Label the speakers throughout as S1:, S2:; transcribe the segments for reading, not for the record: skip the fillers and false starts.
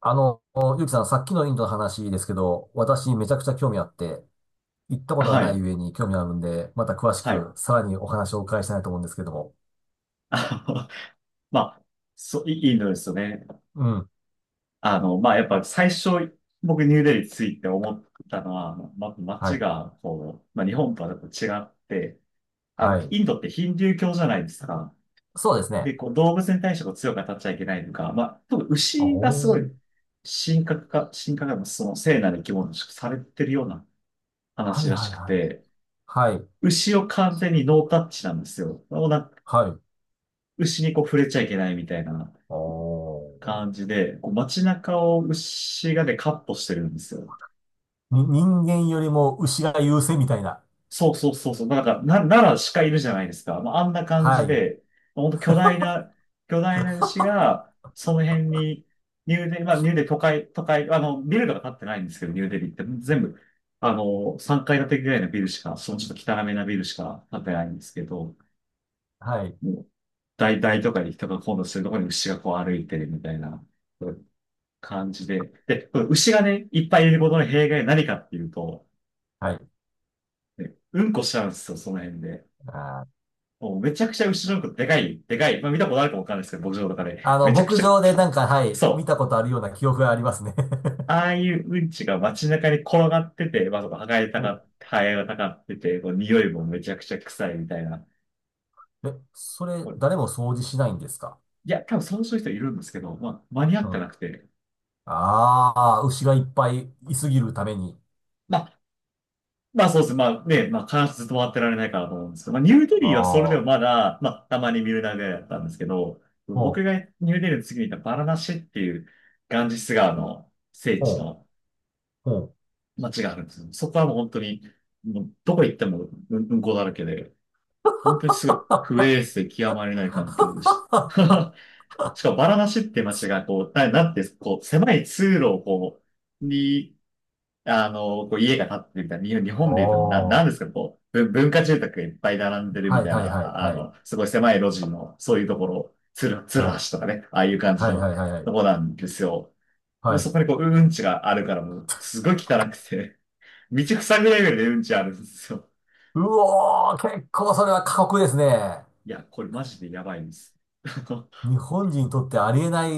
S1: あの、ゆうきさん、さっきのインドの話ですけど、私めちゃくちゃ興味あって、行ったことが
S2: は
S1: ない
S2: い。
S1: 上に興味あるんで、また詳し
S2: はい。
S1: く、さらにお話をお伺いしたいと思うんですけども。
S2: あのまあ、そう、いいいのですよね。
S1: うん。
S2: あの、まあ、やっぱ最初、僕ニューデリーついて思ったのは、
S1: は
S2: 街
S1: い。
S2: が、日本とはやっぱ違って、
S1: はい。
S2: インドってヒンドゥー教じゃないですか。
S1: そうですね。
S2: で、こう、動物に対してこう強く当たっちゃいけないとか、まあ、特に
S1: お
S2: 牛がすご
S1: ー。
S2: い、神格化のその聖なる生き物としてされてるような
S1: は
S2: 話
S1: い
S2: らし
S1: はい
S2: くて、
S1: はい。はい。
S2: 牛を完全にノータッチなんですよ。もうなんか
S1: はい。
S2: 牛にこう触れちゃいけないみたいな
S1: おー。
S2: 感じで、こう街中を牛がね、カットしてるんですよ。
S1: 人間よりも牛が優勢みたいな。
S2: そうそうそうそう。奈良鹿いるじゃないですか。まあ、あんな感
S1: は
S2: じ
S1: い。
S2: で、本当巨大な牛 が、その辺に、ニューデリ都会、ビルとか建ってないんですけど、ニューデリって全部、あの、3階建てぐらいのビルしか、そのちょっと汚めなビルしか建ってないんですけど、
S1: はい。
S2: もう、大、大都会で人が混雑するところに牛がこう歩いてるみたいな感じで。で、この牛がね、いっぱいいることの弊害は何かっていうと、
S1: はい。
S2: ねうんこしちゃうんですよ、その辺で。
S1: あー、
S2: もうめちゃくちゃ牛のうんこでかい、でかい。まあ見たことあるかわかんないですけど、牧場とかで。めちゃく
S1: 牧
S2: ちゃ、
S1: 場でなんか、はい、見
S2: そう。
S1: たことあるような記憶がありますね。
S2: ああいううんちが街中に転がってて、まあ、そこ、はがれ た
S1: お、
S2: か、ハエがたかってて、こう匂いもめちゃくちゃ臭いみたいな。
S1: え、それ、
S2: い
S1: 誰も掃除しないんですか？
S2: や、多分そういう人いるんですけど、まあ、間に合
S1: う
S2: って
S1: ん。
S2: なくて。
S1: ああ、牛がいっぱいいすぎるために。
S2: まあ、まあそうですね。まあね、まあ必ずずっと回ってられないからと思うんですけど、まあニューデリーはそれでも
S1: ああ、
S2: まだ、まあたまに見るだけだったんですけど、僕
S1: ほ
S2: が
S1: う、
S2: ニューデリーの次に行ったバラナシっていうガンジス川の聖地
S1: ほう、
S2: の
S1: ほう。
S2: 街があるんですよ。そこはもう本当に、もうどこ行ってもうんこだらけで、本当にすごい不衛生極まりない環境でした。しかもバラナシって街がこう、なんてこう狭い通路をこう、に、あの、こう家が建ってるみたいな、日本日
S1: お
S2: 本で言うとなんです
S1: ー、
S2: か、こう、文化住宅がいっぱい並んでる
S1: は
S2: み
S1: い
S2: たい
S1: はいはい
S2: な、あ
S1: はい。
S2: の、すごい狭い路地の、そういうところ、つる
S1: はい。
S2: 橋とかね、ああいう感じ
S1: はい
S2: の
S1: はいはいは
S2: と
S1: い。
S2: こなんですよ。
S1: は
S2: そ
S1: い。
S2: こにこう、うんちがあるからもう、すごい汚くて、道塞ぐレベルでうんちあるんですよ。
S1: うおー、結構それは過酷ですね。
S2: いや、これマジでやばいんです。
S1: 日本人にとってありえない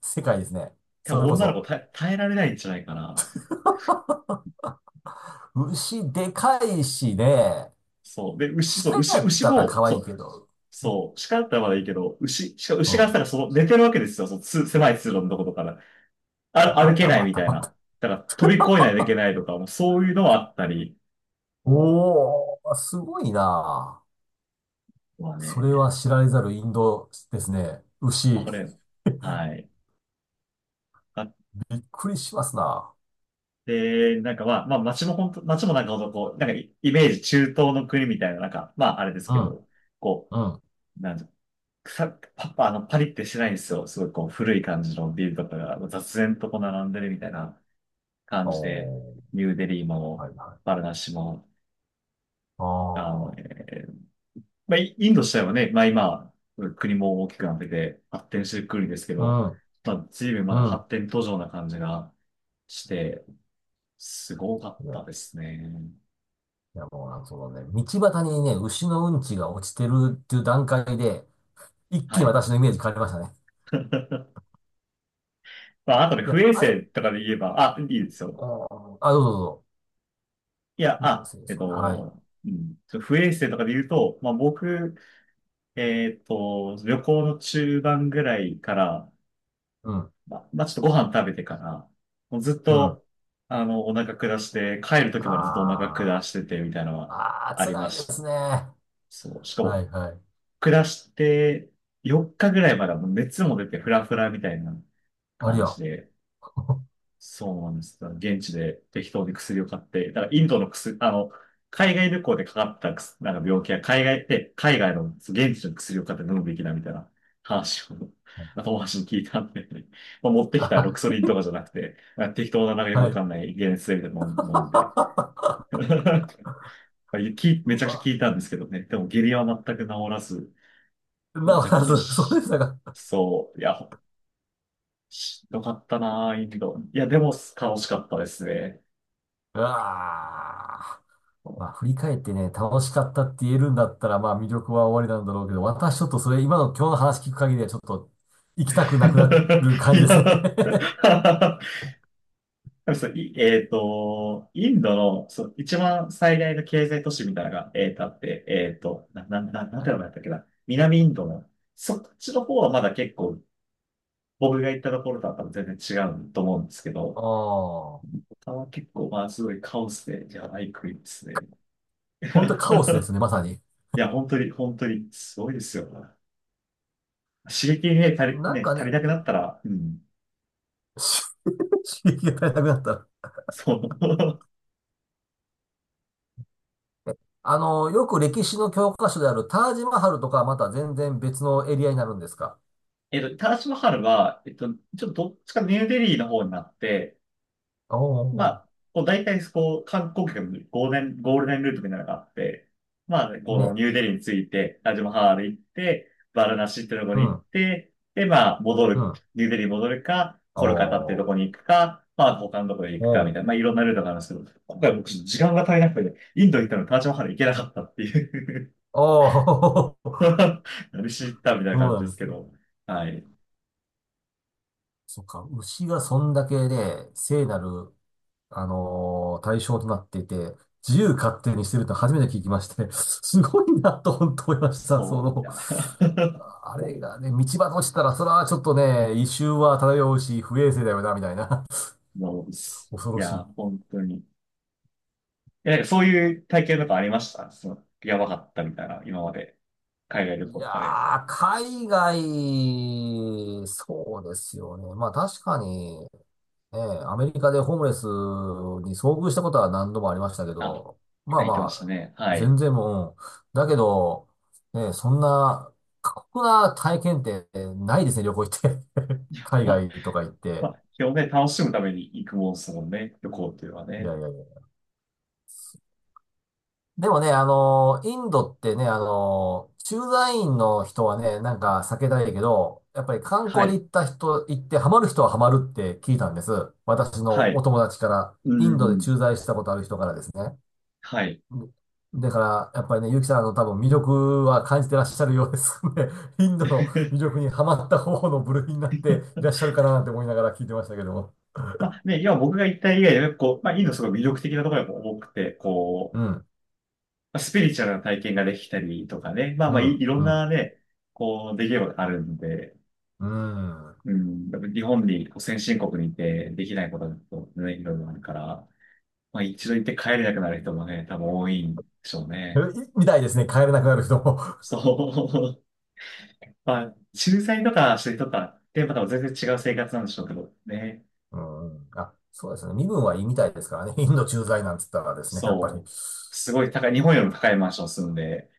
S1: 世界ですね。
S2: 多
S1: そ
S2: 分
S1: れこ
S2: 女の子
S1: そ。
S2: 耐えられないんじゃないかな。
S1: 牛でかいしね。
S2: そう。で、牛、そう、
S1: 鹿
S2: 牛、
S1: やっ
S2: 牛
S1: たら
S2: も、
S1: 可
S2: そ
S1: 愛い
S2: う、
S1: けど。
S2: そう、鹿だったらまだいいけど、牛、しかも
S1: う
S2: 牛が
S1: ん。
S2: さ、その寝てるわけですよ、その狭い通路のとことから。あ、
S1: ま
S2: 歩け
S1: た
S2: ない
S1: ま
S2: み
S1: た
S2: たい
S1: ま
S2: な。
S1: た。
S2: だから飛び越えないといけないとか、もうそういうのはあったり
S1: おー、すごいな。
S2: は
S1: それ
S2: ね、
S1: は知られざるインドですね。牛。
S2: これ、はい。あっ
S1: びっくりしますな。
S2: て、なんかまあ、街もなんかほんとこう、なんかイイメージ中東の国みたいな、なんか、まああれです
S1: う
S2: け
S1: ん、
S2: ど、こ
S1: うん。
S2: う、なんじゃ、草、パッパ、あの、パリってしてないんですよ。すごいこう、古い感じのビルとかが雑然とこう並んでるみたいな感じで、
S1: おー、
S2: ニューデリーも、
S1: はいはい。
S2: バルナシも、あの、
S1: あ
S2: えーまあ、イインド自体はね、まあ今、国も大きくなってて発展してくるんですけど、
S1: あ、う
S2: まあ随分
S1: ん、
S2: まだ
S1: うん。
S2: 発展途上な感じがして、すごかっ
S1: いや、
S2: た
S1: い
S2: ですね。
S1: やもうなんかそのね、道端にね、牛のうんちが落ちてるっていう段階で、一気
S2: は
S1: に
S2: い。
S1: 私のイメージ変わりましたね。
S2: まあ、あとね、
S1: い
S2: 不
S1: や、
S2: 衛
S1: あれ
S2: 生とかで言えば、あ、いいですよ。
S1: おーあ、どうぞど
S2: いや、
S1: うぞ。そうですね、はい。
S2: うん、不衛生とかで言うと、まあ僕、旅行の中盤ぐらいから、
S1: うん、
S2: ちょっとご飯食べてから、もうずっ
S1: うん。
S2: と、あの、お腹下して、帰る時までずっとお腹下
S1: あ
S2: してて、みたいなの
S1: あ、
S2: は
S1: ああ、
S2: あり
S1: 辛
S2: ま
S1: いで
S2: した。
S1: すね。は
S2: そう。しか
S1: い
S2: も、
S1: はい。
S2: 下して、4日ぐらいまではもう熱も出て、フラフラみたいな
S1: あり
S2: 感
S1: ゃ。
S2: じで、そうなんです。だから現地で適当に薬を買って、だからインドの薬、あの、海外旅行でかかった薬なんか病気は海外で、海外の現地の薬を買って飲むべきだみたいな話を、あ友達に聞いたんで、まあ、持ってきたロキ
S1: あ、
S2: ソニンとかじゃなくて、なんか適当ななんかよく
S1: は
S2: わ
S1: い。
S2: かんない解熱剤みたいなの飲んで、まあき
S1: う
S2: めちゃくちゃ
S1: わ、
S2: 聞いたんですけどね。でも下痢は全く治らず、めち
S1: ま
S2: ゃく
S1: あ、
S2: ちゃ
S1: そうそうで
S2: し、
S1: したか。
S2: そう、いや、しんどかったなぁ、インド。いや、でも楽しかったですね。
S1: うわあ。まあ、振り返ってね、楽しかったって言えるんだったら、まあ、魅力は終わりなんだろうけど、私ちょっとそれ、今の今日の話聞く限りは、ちょっと行きたくなくなる
S2: い
S1: 感じです
S2: や、
S1: ね。
S2: そう、えっと、インドの、そう、一番最大の経済都市みたいなのが、えっと、あって、えっと、なん
S1: は
S2: て
S1: い、
S2: 名前だったっけな。南インドの、そっちの方はまだ結構、僕が行ったところとは多分全然違うと思うんですけど、
S1: ああ。
S2: 他は結構、まあ、すごいカオスで、やばい国ですね。
S1: 本当カオスですね、まさに。
S2: いや、本当に、本当に、すごいですよ。刺激にね、
S1: なんか
S2: 足
S1: ね、
S2: りなくなったら、うん、
S1: 刺激が足りなくなった。
S2: そう。
S1: よく歴史の教科書であるタージマハルとかはまた全然別のエリアになるんですか？
S2: えっと、タージマハルは、えっと、ちょっとどっちかニューデリーの方になって、
S1: お
S2: ま
S1: お
S2: あ、こう大体そこう観光客のゴールデンルートみたいなのがあって、まあ、
S1: ー。
S2: この
S1: ね。
S2: ニューデリーについて、タージマハル行って、バラナシってとこ
S1: う
S2: に行っ
S1: ん。
S2: て、で、まあ、戻
S1: う
S2: る、
S1: ん。
S2: ニューデリーに戻るか、
S1: お
S2: コルカタってと
S1: お。
S2: こに行くか、まあ、他のとこに行くか、み
S1: お
S2: たいな、まあ、いろんなルートがあるんですけど、今回僕、時間が足りなくて、インド行ったのにタージマハル行けなかったっていう
S1: お。おお。
S2: 何しに行ったみたいな
S1: そう
S2: 感じ
S1: な
S2: で
S1: ん
S2: す
S1: です
S2: け
S1: ね。
S2: ど、はい。
S1: そっか。牛がそんだけで、聖なる、対象となっていて、自由勝手にしてると初めて聞きまして、すごいなと本当思いました。
S2: そう、いや。
S1: あれがね、道端落ちたら、それはちょっとね、異臭は漂うし、不衛生だよな、みたいな。
S2: もうで す、
S1: 恐
S2: い
S1: ろし
S2: や、
S1: い。
S2: 本当に。え、なんかそういう体験とかありましたその、やばかったみたいな、今まで。海外旅
S1: い
S2: 行と
S1: や
S2: かで。
S1: ー、海外、そうですよね。まあ確かに、ええ、アメリカでホームレスに遭遇したことは何度もありましたけ
S2: あ、
S1: ど、まあ
S2: 言ってま
S1: ま
S2: した
S1: あ、
S2: ね。はい。
S1: 全然もう、だけど、ねえ、そんな過酷な体験ってないですね、旅行行って。海
S2: あ、
S1: 外とか行っ
S2: ま
S1: て。
S2: あ、基本ね、楽しむために行くもんですもんね。旅行っていうのは
S1: いや
S2: ね。
S1: いやいや。でもね、インドってね、駐在員の人はね、なんか避けたいけど、やっぱり観
S2: は
S1: 光で
S2: い。
S1: 行った人、行ってハマる人はハマるって聞いたんです。私
S2: は
S1: のお
S2: い。
S1: 友達から、
S2: う
S1: インドで
S2: ん。
S1: 駐在したことある人からですね。
S2: はい。
S1: だから、やっぱりね、ゆうきさん、多分魅力は感じてらっしゃるようですね。インドの魅力 にはまった方の部類になっていらっしゃるかなって思いながら聞いてましたけども。
S2: まあね、今僕が言った以外でも、こう、まあ、インドすごい魅力的なところが多くて、こ
S1: う
S2: う、
S1: ん、
S2: まあスピリチュアルな体験ができたりとかね、まあ
S1: う
S2: まあい、
S1: ん、
S2: いろん
S1: う
S2: な
S1: ん、
S2: ね、こう、出来事があるんで、
S1: うん。
S2: うん、やっぱ日本にこう先進国にいてできないことだとね、いろいろあるから、まあ一度行って帰れなくなる人もね、多分多いんでしょう
S1: え
S2: ね。
S1: いみたいですね。帰れなくなる人も。
S2: そう。まあ、駐在とかしてる人とかって、また全然違う生活なんでしょうけどね。
S1: うん、あ、そうですね。身分はいいみたいですからね。インド駐在なんつったらですね、やっぱり、
S2: そう。すごい高い、日本よりも高いマンション住んで、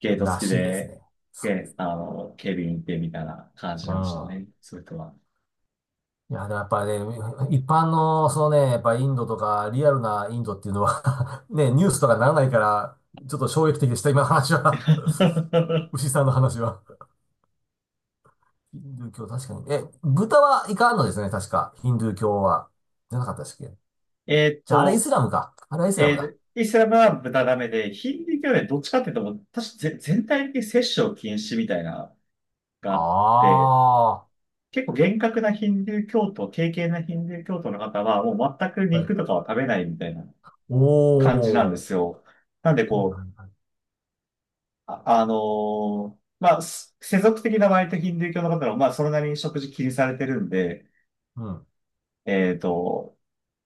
S2: ゲート
S1: ら
S2: 付き
S1: しいです
S2: で、
S1: ね。
S2: で、あの、警備員いてみたいな感じ
S1: う
S2: なんでしょう
S1: ん。
S2: ね。そういう人は。
S1: いや、でもやっぱりね、一般の、そのね、やっぱインドとか、リアルなインドっていうのは ね、ニュースとかならないから、ちょっと衝撃的でした、今の話は。 牛 さんの話は。ヒンドゥー教、確かに。え、豚はいかんのですね、確か。ヒンドゥー教は。じゃなかったでしたっけ？
S2: えーっ
S1: じゃあ、あれイス
S2: と、
S1: ラムか。あれはイスラムだ。
S2: イスラムは豚ダメで、ヒンディー教はねどっちかっていうと、もう確か全体的に摂取を禁止みたいながあっ
S1: あ
S2: て、
S1: あ。
S2: 結構厳格なヒンディー教徒、敬虔なヒンディー教徒の方は、もう全く
S1: はい。
S2: 肉とかは食べないみたいな感じなんで
S1: お
S2: す
S1: ー。
S2: よ。なんで
S1: はい
S2: こ
S1: は
S2: う、
S1: いはい、
S2: あ、あのまあ、世俗的な割とヒンディー教の方は、まあ、それなりに食事気にされてるんで、
S1: うん。
S2: えっと、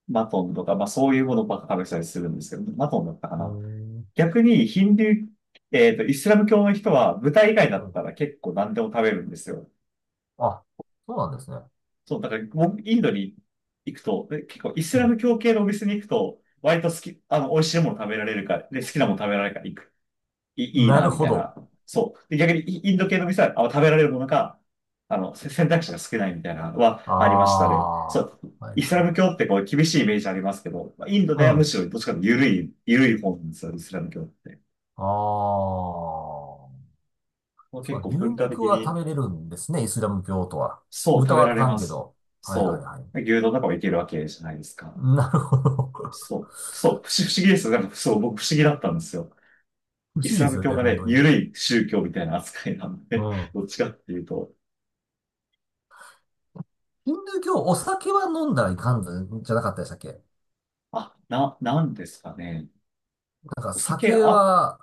S2: マトンとか、まあ、そういうものばっか食べてたりするんですけど、マトンだったか
S1: うー
S2: な。
S1: ん。
S2: 逆にヒンドゥー、えっと、イスラム教の人は豚以外だ
S1: は
S2: っ
S1: い、
S2: たら結構何でも食べるんですよ。
S1: あ、そうなんですね。
S2: そう、だから僕、インドに行くと、で結構イス
S1: う
S2: ラ
S1: ん。
S2: ム教系のお店に行くと、割と好き、あの、美味しいもの食べられるから、で、好きなもの食べられるから行く。いい
S1: な
S2: な、
S1: る
S2: み
S1: ほ
S2: たい
S1: ど。
S2: な。そう。で、逆にイインド系の店は、あ食べられるものが、あの、選択肢が少ないみたいなのは
S1: あ
S2: ありましたね。そ
S1: あ。
S2: う。
S1: はい
S2: イス
S1: は
S2: ラム
S1: い。
S2: 教ってこう厳しいイメージありますけど、まあインド
S1: う
S2: で
S1: ん。
S2: はむ
S1: あ
S2: しろどっちかというと緩い方なんですよ、イスラム教って。
S1: あ。
S2: もう
S1: そ
S2: 結
S1: う
S2: 構
S1: 牛
S2: 文化的
S1: 肉は
S2: に
S1: 食べれるんですね、イスラム教徒は。
S2: そう、食
S1: 豚
S2: べ
S1: は
S2: ら
S1: あ
S2: れ
S1: かん
S2: ま
S1: け
S2: す。
S1: ど。はいはい
S2: そ
S1: はい。
S2: う。牛丼とかもいけるわけじゃないですか。
S1: なるほど。
S2: そう。そう。不思議ですよ。なんか、そう、僕不思議だったんですよ。
S1: 不
S2: イ
S1: 思
S2: ス
S1: 議で
S2: ラ
S1: す
S2: ム
S1: よ
S2: 教
S1: ね、
S2: が
S1: 本
S2: ね、
S1: 当に。
S2: 緩い宗教みたいな扱いなん
S1: う
S2: で、
S1: ん。
S2: どっちかっていうと、
S1: ヒンドゥー教、お酒は飲んだらいかんのじゃなかったでしたっけ？
S2: なんですかね。
S1: なんか
S2: お酒、
S1: 酒
S2: あ、
S1: は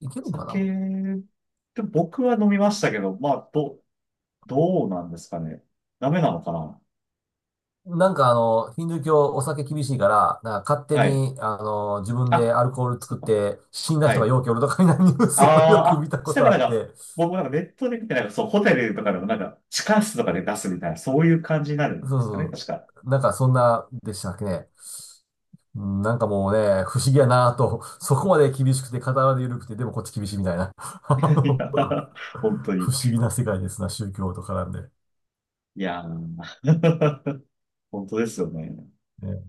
S1: いけるのかな、も
S2: 酒、でも僕は飲みましたけど、どうなんですかね。ダメなのかな。
S1: う。なんかヒンドゥー教お酒厳しいから、なんか勝手
S2: はい。
S1: に、自分で
S2: あ、
S1: アルコール
S2: そ
S1: 作
S2: う
S1: っ
S2: か。
S1: て死んだ
S2: は
S1: 人が
S2: い。
S1: 容器おるとかになニュー
S2: あ
S1: スをよ
S2: あ、
S1: く見
S2: あ、
S1: た
S2: そし
S1: こ
S2: た
S1: と
S2: ら
S1: あ
S2: な
S1: っ
S2: んか、
S1: て、
S2: 僕もなんかネットで見て、なんかそう、ホテルとかでもなんか、地下室とかで出すみたいな、そういう感じになるん
S1: そう
S2: ですかね、
S1: そ
S2: 確か。
S1: う。なんかそんなでしたっけね。うん、なんかもうね、不思議やなぁと、そこまで厳しくて、片まで緩くて、でもこっち厳しいみたいな。
S2: いや、本当
S1: 不
S2: に。
S1: 思議な世界ですな、宗教と絡んで。
S2: いやー、本当ですよね。
S1: ね